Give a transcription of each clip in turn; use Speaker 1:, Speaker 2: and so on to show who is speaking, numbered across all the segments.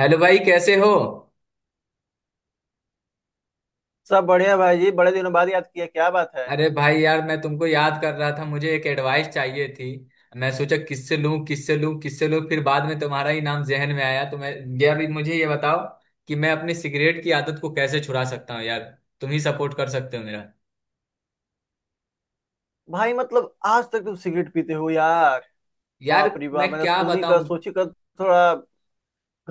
Speaker 1: Hello भाई, कैसे हो।
Speaker 2: सब बढ़िया भाई जी। बड़े दिनों बाद याद किया, क्या बात है?
Speaker 1: अरे भाई यार, मैं तुमको याद कर रहा था। मुझे एक एडवाइस चाहिए थी। मैं सोचा किससे लूं, किससे लूं, किससे लूं, फिर बाद में तुम्हारा ही नाम जहन में आया तो मैं ये, अभी मुझे ये बताओ कि मैं अपनी सिगरेट की आदत को कैसे छुड़ा सकता हूँ यार। तुम ही सपोर्ट कर सकते हो मेरा।
Speaker 2: भाई मतलब आज तक तुम सिगरेट पीते हो यार?
Speaker 1: यार,
Speaker 2: बाप रे बाप,
Speaker 1: मैं
Speaker 2: मैंने
Speaker 1: क्या
Speaker 2: सुनी का
Speaker 1: बताऊं।
Speaker 2: सोची का। थोड़ा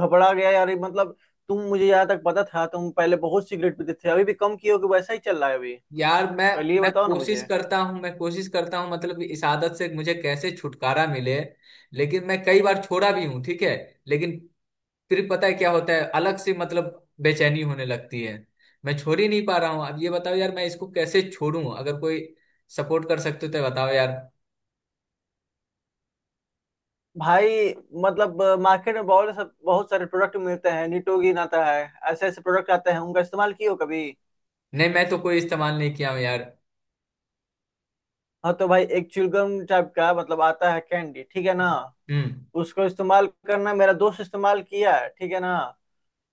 Speaker 2: घबरा गया यार, ये मतलब तुम, मुझे यहाँ तक पता था तुम पहले बहुत सिगरेट पीते थे। अभी भी कम किए हो कि वैसा ही चल रहा है अभी?
Speaker 1: यार मैं
Speaker 2: पहले ये
Speaker 1: मैं
Speaker 2: बताओ ना
Speaker 1: कोशिश
Speaker 2: मुझे।
Speaker 1: करता हूं, मैं कोशिश करता हूं, मतलब इस आदत से मुझे कैसे छुटकारा मिले। लेकिन मैं कई बार छोड़ा भी हूं, ठीक है। लेकिन फिर पता है क्या होता है, अलग से मतलब बेचैनी होने लगती है। मैं छोड़ ही नहीं पा रहा हूँ। अब ये बताओ यार, मैं इसको कैसे छोड़ूं। अगर कोई सपोर्ट कर सकते हो तो बताओ यार।
Speaker 2: भाई मतलब मार्केट में बहुत सारे प्रोडक्ट मिलते हैं, निटोगिन आता है, ऐसे ऐसे प्रोडक्ट आते हैं। उनका इस्तेमाल किए हो कभी?
Speaker 1: नहीं, मैं तो कोई इस्तेमाल नहीं किया हूँ यार।
Speaker 2: हाँ तो भाई एक च्युइंगम टाइप का मतलब आता है, कैंडी, ठीक है ना।
Speaker 1: हम्म।
Speaker 2: उसको इस्तेमाल करना, मेरा दोस्त इस्तेमाल किया है, ठीक है ना।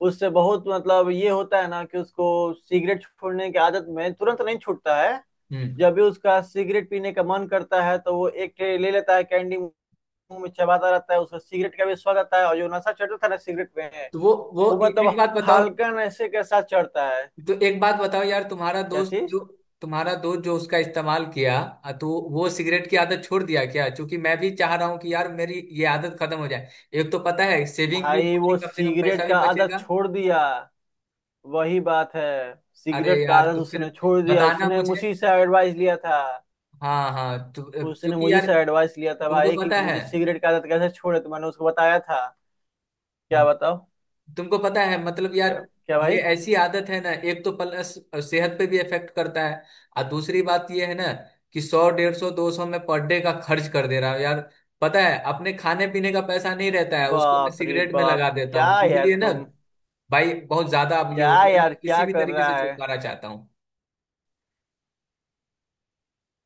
Speaker 2: उससे बहुत मतलब ये होता है ना कि उसको सिगरेट छोड़ने की आदत में तुरंत नहीं छूटता है।
Speaker 1: हम्म।
Speaker 2: जब भी उसका सिगरेट पीने का मन करता है तो वो एक ट्रे ले लेता है, कैंडी मुंह में चबाता रहता है, उसका सिगरेट का भी स्वाद आता है और जो नशा चढ़ता था ना सिगरेट में
Speaker 1: तो वो वो
Speaker 2: वो
Speaker 1: ए-
Speaker 2: मतलब
Speaker 1: एक बात बताओ।
Speaker 2: हल्का नशे के साथ चढ़ता है।
Speaker 1: तो एक बात बताओ यार, तुम्हारा
Speaker 2: क्या
Speaker 1: दोस्त जो,
Speaker 2: चीज?
Speaker 1: तुम्हारा दोस्त जो उसका इस्तेमाल किया तो वो सिगरेट की आदत छोड़ दिया क्या? क्योंकि मैं भी चाह रहा हूँ कि यार मेरी ये आदत खत्म हो जाए। एक तो पता है, सेविंग भी
Speaker 2: भाई
Speaker 1: होगी,
Speaker 2: वो
Speaker 1: कम से कम पैसा
Speaker 2: सिगरेट
Speaker 1: भी
Speaker 2: का आदत
Speaker 1: बचेगा।
Speaker 2: छोड़ दिया। वही बात है,
Speaker 1: अरे
Speaker 2: सिगरेट का
Speaker 1: यार,
Speaker 2: आदत
Speaker 1: तो फिर
Speaker 2: उसने छोड़ दिया,
Speaker 1: बताना
Speaker 2: उसने
Speaker 1: मुझे।
Speaker 2: मुझी से एडवाइस लिया था।
Speaker 1: हाँ हाँ, तो
Speaker 2: उसने
Speaker 1: क्योंकि
Speaker 2: मुझे
Speaker 1: यार
Speaker 2: से एडवाइस लिया था
Speaker 1: तुमको
Speaker 2: भाई कि
Speaker 1: पता है।
Speaker 2: मुझे सिगरेट की आदत कैसे छोड़े, तो मैंने उसको बताया था। क्या
Speaker 1: हम्म,
Speaker 2: बताओ?
Speaker 1: तुमको पता है मतलब
Speaker 2: क्या
Speaker 1: यार,
Speaker 2: क्या
Speaker 1: ये
Speaker 2: भाई?
Speaker 1: ऐसी आदत है ना, एक तो प्लस सेहत पे भी इफेक्ट करता है। और दूसरी बात ये है ना कि सौ, डेढ़ सौ, दो सौ में पर डे का खर्च कर दे रहा हूँ यार। पता है, अपने खाने पीने का पैसा नहीं रहता है, उसको मैं
Speaker 2: बाप रे
Speaker 1: सिगरेट में
Speaker 2: बाप,
Speaker 1: लगा देता
Speaker 2: क्या
Speaker 1: हूँ,
Speaker 2: यार
Speaker 1: इसलिए ना।
Speaker 2: तुम?
Speaker 1: भाई बहुत ज्यादा अब ये
Speaker 2: क्या
Speaker 1: हो गया, मैं
Speaker 2: यार
Speaker 1: किसी
Speaker 2: क्या
Speaker 1: भी
Speaker 2: कर
Speaker 1: तरीके से
Speaker 2: रहा है
Speaker 1: छुटकारा चाहता हूँ।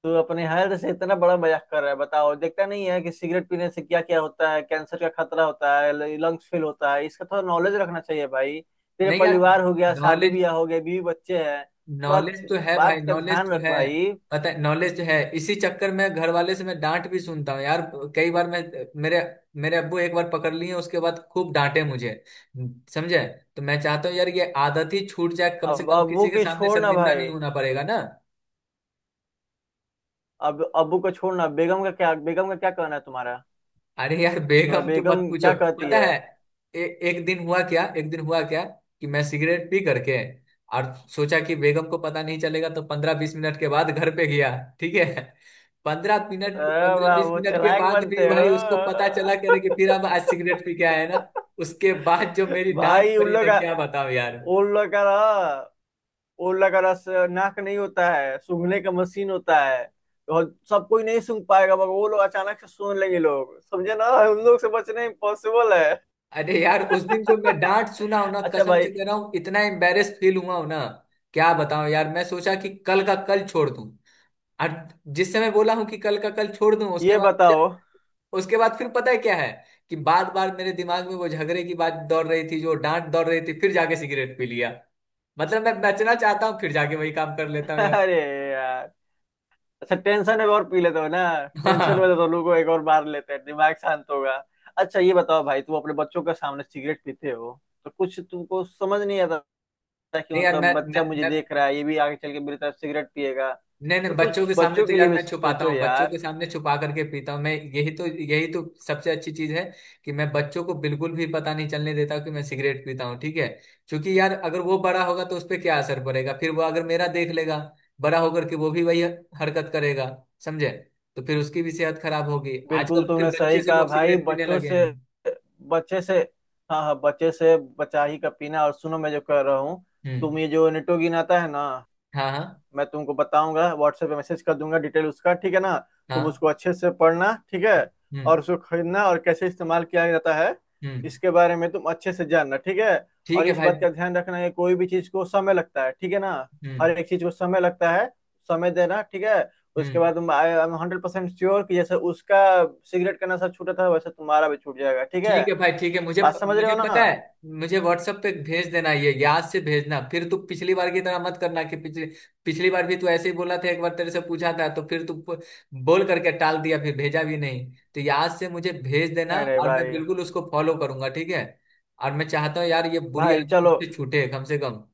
Speaker 2: तू? अपने हेल्थ से इतना बड़ा मजाक कर रहा है, बताओ। देखता नहीं है कि सिगरेट पीने से क्या क्या होता है? कैंसर का खतरा होता है, लंग्स फेल होता है, इसका थोड़ा नॉलेज रखना चाहिए भाई। तेरे
Speaker 1: नहीं यार,
Speaker 2: परिवार हो गया, शादी
Speaker 1: नॉलेज,
Speaker 2: ब्याह हो गया, बीवी बच्चे हैं, थोड़ा
Speaker 1: नॉलेज तो है भाई,
Speaker 2: बात का
Speaker 1: नॉलेज
Speaker 2: ध्यान
Speaker 1: तो
Speaker 2: रख
Speaker 1: है।
Speaker 2: भाई।
Speaker 1: पता है, नॉलेज तो है। इसी चक्कर में घर वाले से मैं डांट भी सुनता हूँ यार। कई बार मैं, मेरे मेरे अब्बू एक बार पकड़ लिए, उसके बाद खूब डांटे मुझे, समझे। तो मैं चाहता हूँ यार, ये आदत ही छूट जाए, कम से
Speaker 2: अब
Speaker 1: कम
Speaker 2: अब वो
Speaker 1: किसी के
Speaker 2: की
Speaker 1: सामने
Speaker 2: छोड़ ना
Speaker 1: शर्मिंदा नहीं
Speaker 2: भाई।
Speaker 1: होना पड़ेगा ना।
Speaker 2: अब अबू को छोड़ना, बेगम का क्या? बेगम का क्या कहना है तुम्हारा?
Speaker 1: अरे यार,
Speaker 2: तो
Speaker 1: बेगम तुम मत
Speaker 2: बेगम
Speaker 1: पूछो।
Speaker 2: क्या कहती
Speaker 1: पता
Speaker 2: है?
Speaker 1: है, एक दिन हुआ क्या, एक दिन हुआ क्या कि मैं सिगरेट पी करके, और सोचा कि बेगम को पता नहीं चलेगा, तो पंद्रह बीस मिनट के बाद घर पे गया, ठीक है। पंद्रह
Speaker 2: "अ,
Speaker 1: मिनट, पंद्रह
Speaker 2: वाह
Speaker 1: बीस
Speaker 2: वो
Speaker 1: मिनट के
Speaker 2: चालाक
Speaker 1: बाद भी
Speaker 2: बनते
Speaker 1: भाई
Speaker 2: हो।
Speaker 1: उसको पता चला करे कि फिर अब आज सिगरेट पी के आया है ना। उसके बाद जो मेरी डांट
Speaker 2: भाई
Speaker 1: पड़ी ना, क्या बताओ यार।
Speaker 2: उन लोग का रस उन लोग का रस, नाक नहीं होता है, सूंघने का मशीन होता है। और सब कोई नहीं सूंघ पाएगा, मगर वो लोग अचानक से सूंघ लेंगे। लोग समझे ना, उन लोग से बचना इम्पॉसिबल है।
Speaker 1: अरे यार, उस दिन जो मैं डांट सुना हूं ना,
Speaker 2: अच्छा
Speaker 1: कसम
Speaker 2: भाई,
Speaker 1: से कह रहा हूँ, इतना एम्बेरेस फील हुआ हूं ना। क्या बताऊं यार, मैं सोचा कि कल का कल छोड़ दूं। और जिस समय बोला हूँ कि कल का कल छोड़ दूं, उसके
Speaker 2: ये
Speaker 1: बाद फिर,
Speaker 2: बताओ।
Speaker 1: उसके बाद फिर पता है क्या है, कि बार बार मेरे दिमाग में वो झगड़े की बात दौड़ रही थी, जो डांट दौड़ रही थी, फिर जाके सिगरेट पी लिया। मतलब मैं बचना चाहता हूँ, फिर जाके वही काम कर लेता हूँ यार।
Speaker 2: अरे यार, अच्छा टेंशन एक और पी लेते हो ना। टेंशन में तो
Speaker 1: हाँ।
Speaker 2: दोनों को एक और मार लेते हैं, दिमाग शांत होगा। अच्छा ये बताओ भाई, तुम अपने बच्चों के सामने सिगरेट पीते हो तो कुछ तुमको समझ नहीं आता था कि
Speaker 1: नहीं यार,
Speaker 2: मतलब
Speaker 1: मैं मैं,
Speaker 2: बच्चा मुझे
Speaker 1: मैं
Speaker 2: देख रहा है, ये भी आगे चल के मेरी तरफ सिगरेट पिएगा?
Speaker 1: नहीं नहीं,
Speaker 2: तो
Speaker 1: बच्चों
Speaker 2: कुछ
Speaker 1: के सामने
Speaker 2: बच्चों
Speaker 1: तो
Speaker 2: के लिए
Speaker 1: यार
Speaker 2: भी
Speaker 1: मैं छुपाता
Speaker 2: सोचो
Speaker 1: हूँ। बच्चों
Speaker 2: यार।
Speaker 1: के सामने छुपा करके पीता हूँ मैं। यही तो, यही तो सबसे अच्छी चीज है कि मैं बच्चों को बिल्कुल भी पता नहीं चलने देता कि मैं सिगरेट पीता हूँ, ठीक है। क्योंकि यार अगर वो बड़ा होगा तो उस पर क्या असर पड़ेगा। फिर वो अगर मेरा देख लेगा, बड़ा होकर के वो भी वही हरकत करेगा, समझे। तो फिर उसकी भी सेहत खराब होगी।
Speaker 2: बिल्कुल
Speaker 1: आजकल फिर
Speaker 2: तुमने सही
Speaker 1: बच्चे से
Speaker 2: कहा
Speaker 1: लोग
Speaker 2: भाई।
Speaker 1: सिगरेट पीने
Speaker 2: बच्चों
Speaker 1: लगे
Speaker 2: से
Speaker 1: हैं।
Speaker 2: बच्चे से हाँ हाँ, बच्चे से बचा ही का पीना। और सुनो मैं जो कह रहा हूँ,
Speaker 1: हम्म।
Speaker 2: तुम ये जो निटोगिन आता है ना,
Speaker 1: हाँ हाँ।
Speaker 2: मैं तुमको बताऊंगा, व्हाट्सएप पे मैसेज कर दूंगा डिटेल उसका, ठीक है ना। तुम
Speaker 1: हाँ।
Speaker 2: उसको अच्छे से पढ़ना, ठीक है।
Speaker 1: हम्म।
Speaker 2: और उसको खरीदना और कैसे इस्तेमाल किया जाता है
Speaker 1: हम्म।
Speaker 2: इसके बारे में तुम अच्छे से जानना, ठीक है।
Speaker 1: ठीक
Speaker 2: और
Speaker 1: है
Speaker 2: इस
Speaker 1: भाई।
Speaker 2: बात का ध्यान रखना है, कोई भी चीज को समय लगता है, ठीक है ना। हर
Speaker 1: हम्म।
Speaker 2: एक चीज को समय लगता है, समय देना, ठीक है। उसके
Speaker 1: हम्म।
Speaker 2: बाद तुम आई एम 100% श्योर कि जैसे उसका सिगरेट का नशा छूटा था वैसे तुम्हारा भी छूट जाएगा, ठीक है।
Speaker 1: ठीक है भाई, ठीक है। मुझे
Speaker 2: बात समझ रहे
Speaker 1: मुझे
Speaker 2: हो ना?
Speaker 1: पता है। मुझे व्हाट्सएप पे भेज देना, ये याद से भेजना। फिर तू पिछली बार की तरह मत करना कि पिछली पिछली बार भी तू ऐसे ही बोला था। एक बार तेरे से पूछा था, तो फिर तू बोल करके टाल दिया, फिर भेजा भी नहीं। तो याद से मुझे भेज देना,
Speaker 2: नहीं नहीं
Speaker 1: और मैं
Speaker 2: भाई।
Speaker 1: बिल्कुल उसको फॉलो करूंगा, ठीक है। और मैं चाहता हूँ यार, ये बुरी
Speaker 2: भाई
Speaker 1: आदत
Speaker 2: चलो,
Speaker 1: मुझसे छूटे कम से कम।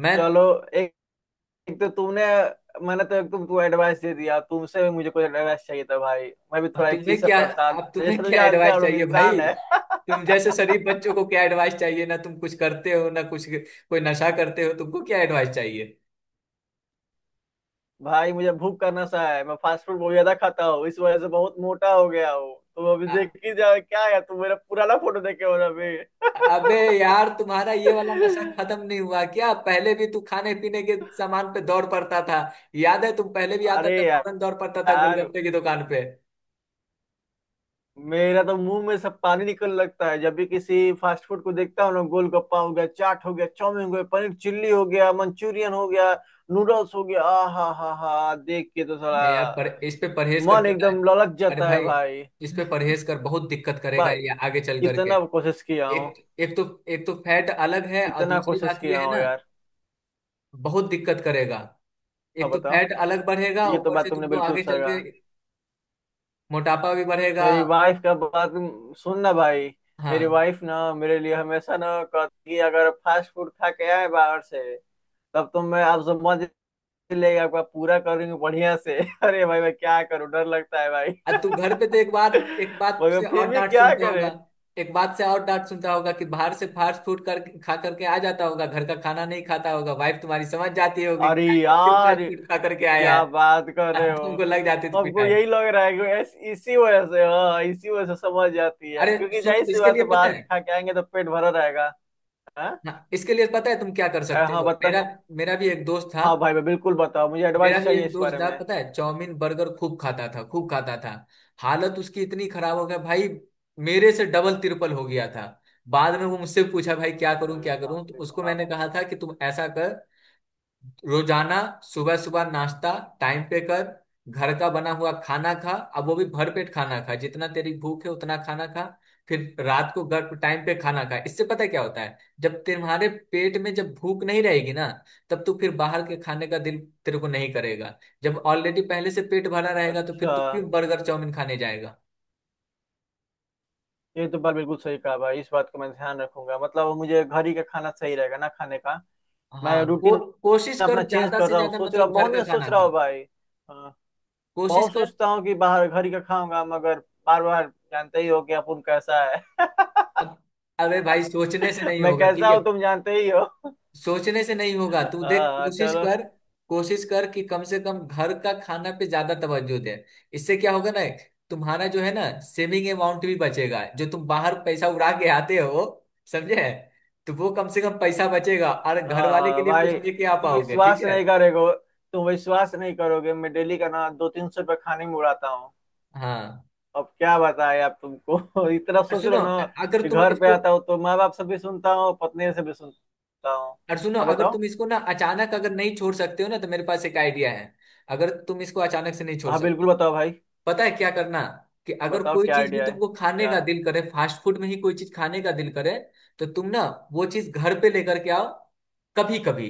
Speaker 1: मैं,
Speaker 2: चलो। एक एक तो तुमने मैंने तो एक तो तू एडवाइस दे दिया, तुमसे भी मुझे कुछ एडवाइस चाहिए था भाई। मैं भी
Speaker 1: अब
Speaker 2: थोड़ा एक
Speaker 1: तुम्हें
Speaker 2: चीज से
Speaker 1: क्या,
Speaker 2: परेशान
Speaker 1: अब
Speaker 2: हूँ,
Speaker 1: तुम्हें
Speaker 2: जैसे तो
Speaker 1: क्या
Speaker 2: जानते हैं
Speaker 1: एडवाइस
Speaker 2: हम लोग
Speaker 1: चाहिए
Speaker 2: इंसान
Speaker 1: भाई।
Speaker 2: है।
Speaker 1: तुम जैसे शरीफ बच्चों को क्या एडवाइस चाहिए ना। तुम कुछ करते हो ना, कुछ कोई नशा करते हो, तुमको क्या एडवाइस चाहिए।
Speaker 2: भाई मुझे भूख करना सा है, मैं फास्ट फूड बहुत ज्यादा खाता हूँ, इस वजह से बहुत मोटा हो गया हूँ। तुम अभी देख
Speaker 1: अ-
Speaker 2: ही जाओ क्या है, तुम मेरा पुराना फोटो देखे हो ना अभी।
Speaker 1: अबे यार, तुम्हारा ये वाला नशा खत्म नहीं हुआ क्या? पहले भी तू खाने पीने के सामान पे दौड़ पड़ता था। याद है, तुम पहले भी आता
Speaker 2: अरे
Speaker 1: था फौरन दौड़ पड़ता था
Speaker 2: यार,
Speaker 1: गोलगप्पे की दुकान पे।
Speaker 2: मेरा तो मुंह में सब पानी निकल लगता है जब भी किसी फास्ट फूड को देखता हूँ ना। गोलगप्पा हो गया, चाट हो गया, चाउमीन हो गया, पनीर चिल्ली हो गया, मंचूरियन हो गया, नूडल्स हो गया, आ हा हा हा, देख के तो
Speaker 1: नहीं यार,
Speaker 2: साला
Speaker 1: पर इस पे परहेज कर,
Speaker 2: मन
Speaker 1: पता है।
Speaker 2: एकदम ललक
Speaker 1: अरे
Speaker 2: जाता है
Speaker 1: भाई,
Speaker 2: भाई।
Speaker 1: इस पे परहेज कर, बहुत दिक्कत करेगा
Speaker 2: भाई
Speaker 1: ये आगे चल करके।
Speaker 2: कितना कोशिश किया हूँ,
Speaker 1: एक एक तो, एक तो फैट अलग है, और
Speaker 2: कितना
Speaker 1: दूसरी
Speaker 2: कोशिश
Speaker 1: बात ये
Speaker 2: किया
Speaker 1: है
Speaker 2: हूँ
Speaker 1: ना,
Speaker 2: यार।
Speaker 1: बहुत दिक्कत करेगा।
Speaker 2: हाँ
Speaker 1: एक तो
Speaker 2: बताओ,
Speaker 1: फैट अलग बढ़ेगा,
Speaker 2: ये तो
Speaker 1: ऊपर से
Speaker 2: बात तुमने
Speaker 1: तुमको
Speaker 2: बिल्कुल
Speaker 1: आगे
Speaker 2: सही
Speaker 1: चल के
Speaker 2: कहा।
Speaker 1: मोटापा भी बढ़ेगा।
Speaker 2: मेरी वाइफ का बात सुनना भाई। मेरी
Speaker 1: हाँ।
Speaker 2: वाइफ ना मेरे लिए हमेशा ना कहती है, अगर फास्ट फूड खा के आए बाहर से तब तो मैं आपसे लेगा, आपका पूरा करूंगी बढ़िया से। अरे भाई मैं क्या करूं, डर लगता है भाई।
Speaker 1: अब तू घर पे तो एक बार, एक बात
Speaker 2: मगर
Speaker 1: से
Speaker 2: फिर
Speaker 1: और
Speaker 2: भी
Speaker 1: डांट
Speaker 2: क्या
Speaker 1: सुनता
Speaker 2: करे।
Speaker 1: होगा, एक बात से और डांट सुनता होगा कि बाहर से फास्ट फूड कर, खा करके आ जाता होगा, घर का खाना नहीं खाता होगा। वाइफ तुम्हारी समझ जाती होगी
Speaker 2: अरे
Speaker 1: कि आज फिर
Speaker 2: यार
Speaker 1: फास्ट फूड खा करके आया है।
Speaker 2: क्या बात कर रहे
Speaker 1: अब
Speaker 2: हो।
Speaker 1: तुमको लग जाती थी
Speaker 2: हमको
Speaker 1: पिटाई।
Speaker 2: यही लग रहा है कि इसी वजह से, हाँ इसी वजह से समझ जाती है,
Speaker 1: अरे
Speaker 2: क्योंकि जाहिर
Speaker 1: सुन,
Speaker 2: सी
Speaker 1: इसके
Speaker 2: बात
Speaker 1: लिए
Speaker 2: है
Speaker 1: पता
Speaker 2: बाहर के
Speaker 1: है,
Speaker 2: खा के आएंगे तो पेट भरा रहेगा। हाँ।
Speaker 1: हाँ इसके लिए पता है तुम क्या कर सकते
Speaker 2: हाँ
Speaker 1: हो।
Speaker 2: बता।
Speaker 1: मेरा, मेरा भी एक दोस्त था,
Speaker 2: हाँ भाई, मैं बिल्कुल बताओ मुझे
Speaker 1: मेरा
Speaker 2: एडवाइस
Speaker 1: भी
Speaker 2: चाहिए
Speaker 1: एक
Speaker 2: इस
Speaker 1: दोस्त
Speaker 2: बारे
Speaker 1: यार,
Speaker 2: में।
Speaker 1: पता है, चाउमीन बर्गर खूब खाता था, खूब खाता था। हालत उसकी इतनी खराब हो गया भाई, मेरे से डबल तिरपल हो गया था। बाद में वो मुझसे पूछा भाई, क्या करूं
Speaker 2: अरे
Speaker 1: क्या
Speaker 2: बाप
Speaker 1: करूं। तो
Speaker 2: रे
Speaker 1: उसको मैंने
Speaker 2: बाप।
Speaker 1: कहा था कि तुम ऐसा कर, रोजाना सुबह सुबह नाश्ता टाइम पे कर, घर का बना हुआ खाना खा। अब वो भी भर पेट खाना खा, जितना तेरी भूख है उतना खाना खा। फिर रात को घर टाइम पे खाना खा। इससे पता है क्या होता है, जब तुम्हारे पेट में जब भूख नहीं रहेगी ना, तब तू फिर बाहर के खाने का दिल, तेरे को नहीं करेगा। जब ऑलरेडी पहले से पेट भरा रहेगा तो
Speaker 2: अच्छा,
Speaker 1: फिर तू क्यों बर्गर चाउमीन खाने जाएगा।
Speaker 2: ये तो बात बिल्कुल सही कहा भाई, इस बात को मैं ध्यान रखूंगा। मतलब मुझे घर ही का खाना सही रहेगा ना खाने का। मैं
Speaker 1: हाँ,
Speaker 2: रूटीन
Speaker 1: कोशिश
Speaker 2: अपना
Speaker 1: कर,
Speaker 2: चेंज
Speaker 1: ज्यादा
Speaker 2: कर
Speaker 1: से
Speaker 2: रहा हूँ,
Speaker 1: ज्यादा
Speaker 2: सोच रहा
Speaker 1: मतलब
Speaker 2: हूँ,
Speaker 1: घर
Speaker 2: बहुत
Speaker 1: का
Speaker 2: दिन से
Speaker 1: खाना
Speaker 2: सोच रहा हूँ
Speaker 1: खा,
Speaker 2: भाई। हाँ,
Speaker 1: कोशिश
Speaker 2: बहुत
Speaker 1: कर।
Speaker 2: सोचता हूँ कि बाहर, घर ही का खाऊंगा, मगर बार बार जानते ही हो कि अपुन कैसा है।
Speaker 1: अब- अबे भाई, सोचने से नहीं
Speaker 2: मैं
Speaker 1: होगा, ठीक
Speaker 2: कैसा
Speaker 1: है।
Speaker 2: हूँ तुम जानते ही हो।
Speaker 1: सोचने से नहीं होगा, तू देख
Speaker 2: हाँ
Speaker 1: कोशिश
Speaker 2: चलो।
Speaker 1: कर। कोशिश कर कि कम से कम घर का खाना पे ज्यादा तवज्जो दे। इससे क्या होगा ना, तुम्हारा जो है ना सेविंग अमाउंट भी बचेगा, जो तुम बाहर पैसा उड़ा के आते हो, समझे। तो वो कम से कम पैसा बचेगा, और घर
Speaker 2: हाँ
Speaker 1: वाले के
Speaker 2: हाँ
Speaker 1: लिए कुछ
Speaker 2: भाई,
Speaker 1: लेके आ
Speaker 2: तुम
Speaker 1: पाओगे, ठीक
Speaker 2: विश्वास
Speaker 1: है।
Speaker 2: नहीं करेगो। तुम विश्वास नहीं करोगे, मैं डेली का ना 200-300 रुपये खाने में उड़ाता हूँ।
Speaker 1: हाँ।
Speaker 2: अब क्या बताए आप तुमको। इतना
Speaker 1: और
Speaker 2: सोच लो
Speaker 1: सुनो,
Speaker 2: ना,
Speaker 1: अगर
Speaker 2: कि
Speaker 1: तुम
Speaker 2: घर पे
Speaker 1: इसको,
Speaker 2: आता हूँ तो माँ बाप से भी सुनता हूँ, पत्नी से भी सुनता हूँ।
Speaker 1: और सुनो,
Speaker 2: अब
Speaker 1: अगर
Speaker 2: बताओ।
Speaker 1: तुम इसको ना अचानक अगर नहीं छोड़ सकते हो ना, तो मेरे पास एक आइडिया है। अगर तुम इसको अचानक से नहीं छोड़
Speaker 2: हाँ
Speaker 1: सकते,
Speaker 2: बिल्कुल बताओ भाई।
Speaker 1: पता है क्या करना, कि अगर
Speaker 2: बताओ
Speaker 1: कोई
Speaker 2: क्या
Speaker 1: चीज भी
Speaker 2: आइडिया है,
Speaker 1: तुमको खाने
Speaker 2: क्या?
Speaker 1: का दिल करे, फास्ट फूड में ही कोई चीज खाने का दिल करे, तो तुम ना वो चीज घर पे लेकर के आओ कभी कभी,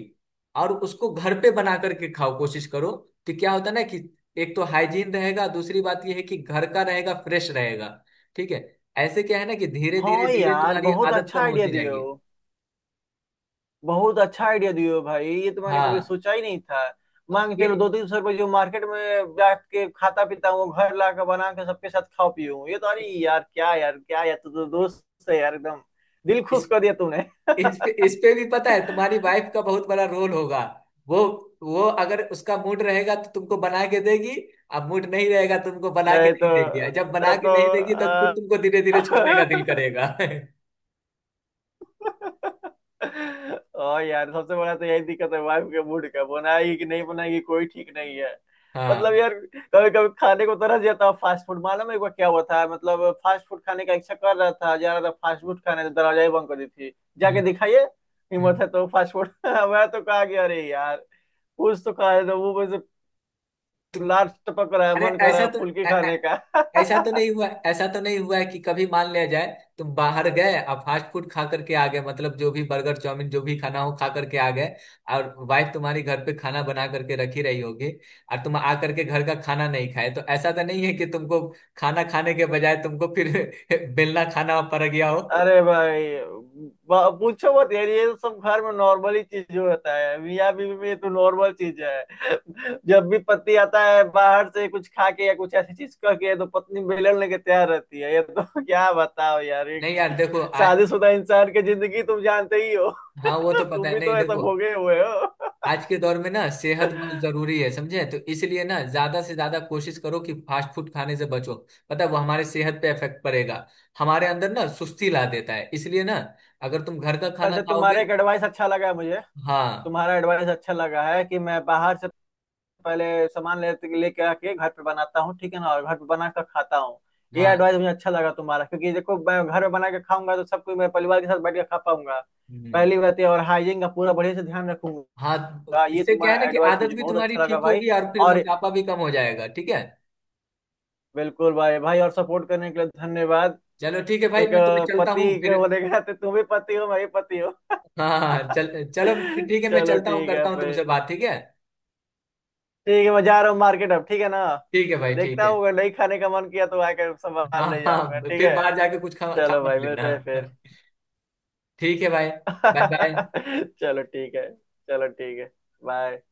Speaker 1: और उसको घर पे बना करके खाओ, कोशिश करो। तो क्या होता है ना कि एक तो हाइजीन रहेगा, दूसरी बात यह है कि घर का रहेगा, फ्रेश रहेगा, ठीक है। ऐसे क्या है ना, कि धीरे धीरे
Speaker 2: हाँ
Speaker 1: धीरे
Speaker 2: यार
Speaker 1: तुम्हारी
Speaker 2: बहुत
Speaker 1: आदत
Speaker 2: अच्छा
Speaker 1: कम
Speaker 2: आइडिया
Speaker 1: होती
Speaker 2: दिए
Speaker 1: जाएगी।
Speaker 2: हो। बहुत अच्छा आइडिया दिए हो भाई, ये तो मैंने कभी
Speaker 1: हाँ।
Speaker 2: सोचा ही नहीं था।
Speaker 1: अब
Speaker 2: मांग चलो, 200-300 रुपये जो मार्केट में बैठ के खाता पीता हूँ वो घर ला के बना के सबके साथ खाओ पीऊँ। ये तो अरे यार, क्या यार क्या यार, तू तो दोस्त है यार एकदम, दिल
Speaker 1: ये,
Speaker 2: खुश कर दिया तूने।
Speaker 1: इस पे भी पता है तुम्हारी वाइफ का बहुत बड़ा रोल होगा। वो वो अगर उसका मूड रहेगा तो तुमको बना के देगी। अब मूड नहीं रहेगा तो तुमको बना के
Speaker 2: नहीं तो,
Speaker 1: नहीं देगी, और जब बना
Speaker 2: तब
Speaker 1: के
Speaker 2: तो
Speaker 1: नहीं देगी तो खुद तुमको धीरे धीरे
Speaker 2: आ,
Speaker 1: छूने का दिल करेगा।
Speaker 2: और यार सबसे बड़ा तो यही दिक्कत है, वाइफ के मूड का, बनाएगी कि नहीं बनाएगी कोई ठीक नहीं है। मतलब
Speaker 1: हाँ।
Speaker 2: यार कभी कभी खाने को तरस जाता हूँ फास्ट फूड। मालूम है एक बार क्या हुआ था, मतलब फास्ट फूड खाने का इच्छा कर रहा था, जा रहा था फास्ट फूड खाने तो दरवाजा ही बंद कर दी थी।
Speaker 1: हम्म।
Speaker 2: जाके दिखाइए
Speaker 1: हम्म।
Speaker 2: हिम्मत है तो फास्ट फूड। मैं तो कहा गया अरे यार, कुछ तो खा रहे थे वो बस।
Speaker 1: तुम,
Speaker 2: लार टपक रहा है,
Speaker 1: अरे
Speaker 2: मन कर रहा
Speaker 1: ऐसा
Speaker 2: है
Speaker 1: तो,
Speaker 2: फुल्की खाने का।
Speaker 1: ऐसा तो नहीं हुआ, ऐसा तो नहीं हुआ है कि कभी मान लिया जाए, तुम बाहर गए, अब फास्ट फूड खा करके आ गए, मतलब जो भी बर्गर चाउमीन जो भी खाना हो खा करके आ गए, और वाइफ तुम्हारी घर पे खाना बना करके रखी रही होगी, और तुम आ करके घर का खाना नहीं खाए, तो ऐसा तो नहीं है कि तुमको खाना खाने के बजाय तुमको फिर बेलना खाना पड़ गया हो।
Speaker 2: अरे भाई, पूछो मत यार, ये तो सब घर में नॉर्मल ही चीज होता है, मियाँ बीवी में ये तो नॉर्मल चीज है। जब भी पति आता है बाहर से कुछ खा के या कुछ ऐसी चीज करके तो पत्नी बेलन लेके तैयार रहती है, ये तो। क्या बताओ यार, एक
Speaker 1: नहीं यार, देखो,
Speaker 2: शादीशुदा इंसान की जिंदगी तुम जानते ही हो।
Speaker 1: हाँ वो तो
Speaker 2: तुम
Speaker 1: पता है,
Speaker 2: भी
Speaker 1: नहीं
Speaker 2: तो ऐसा
Speaker 1: देखो,
Speaker 2: भोगे हुए हो।
Speaker 1: आज के दौर में ना सेहत बहुत जरूरी है, समझे। तो इसलिए ना ज्यादा से ज्यादा कोशिश करो कि फास्ट फूड खाने से बचो। पता है वो हमारे सेहत पे इफेक्ट पड़ेगा, हमारे अंदर ना सुस्ती ला देता है, इसलिए ना अगर तुम घर का खाना
Speaker 2: वैसे तुम्हारा
Speaker 1: खाओगे।
Speaker 2: एक एडवाइस अच्छा लगा है मुझे।
Speaker 1: हाँ।
Speaker 2: तुम्हारा एडवाइस अच्छा लगा है, कि मैं बाहर से पहले सामान ले लेके आके घर पे बनाता हूँ, ठीक है ना, और घर पे बना कर खाता हूँ। ये
Speaker 1: हाँ।
Speaker 2: एडवाइस मुझे अच्छा लगा तुम्हारा, क्योंकि देखो मैं घर में बना के खाऊंगा तो सब कुछ मैं परिवार के साथ बैठ के खा पाऊंगा,
Speaker 1: हम्म,
Speaker 2: पहली बात ये। और हाइजीन का पूरा बढ़िया से ध्यान
Speaker 1: हाँ
Speaker 2: रखूंगा।
Speaker 1: तो
Speaker 2: ये
Speaker 1: इससे क्या
Speaker 2: तुम्हारा
Speaker 1: है ना कि
Speaker 2: एडवाइस
Speaker 1: आदत
Speaker 2: मुझे
Speaker 1: भी
Speaker 2: बहुत
Speaker 1: तुम्हारी
Speaker 2: अच्छा लगा
Speaker 1: ठीक
Speaker 2: भाई।
Speaker 1: होगी, और फिर
Speaker 2: और
Speaker 1: मोटापा भी कम हो जाएगा, ठीक है।
Speaker 2: बिल्कुल भाई, भाई, और सपोर्ट करने के लिए धन्यवाद।
Speaker 1: चलो ठीक है भाई,
Speaker 2: एक
Speaker 1: मैं तुम्हें चलता हूँ
Speaker 2: पति के
Speaker 1: फिर।
Speaker 2: होने के नाते तुम भी पति हो, मैं भी पति हूँ।
Speaker 1: हाँ हाँ हाँ, चल। चलो फिर ठीक है, मैं
Speaker 2: चलो
Speaker 1: चलता हूँ,
Speaker 2: ठीक है
Speaker 1: करता हूँ
Speaker 2: फिर।
Speaker 1: तुमसे बात, ठीक है।
Speaker 2: ठीक है मैं जा रहा हूँ मार्केट अब, ठीक है ना।
Speaker 1: ठीक है भाई, ठीक
Speaker 2: देखता
Speaker 1: है।
Speaker 2: हूँ अगर नहीं खाने का मन किया तो आकर
Speaker 1: हाँ
Speaker 2: सामान ले जाऊंगा,
Speaker 1: हाँ,
Speaker 2: ठीक
Speaker 1: फिर
Speaker 2: है।
Speaker 1: बाहर जाके कुछ खा खा
Speaker 2: चलो
Speaker 1: मत
Speaker 2: भाई,
Speaker 1: लेना।
Speaker 2: मिलते हैं फिर।
Speaker 1: ठीक है भाई, बाय बाय।
Speaker 2: चलो ठीक है। चलो ठीक है। बाय।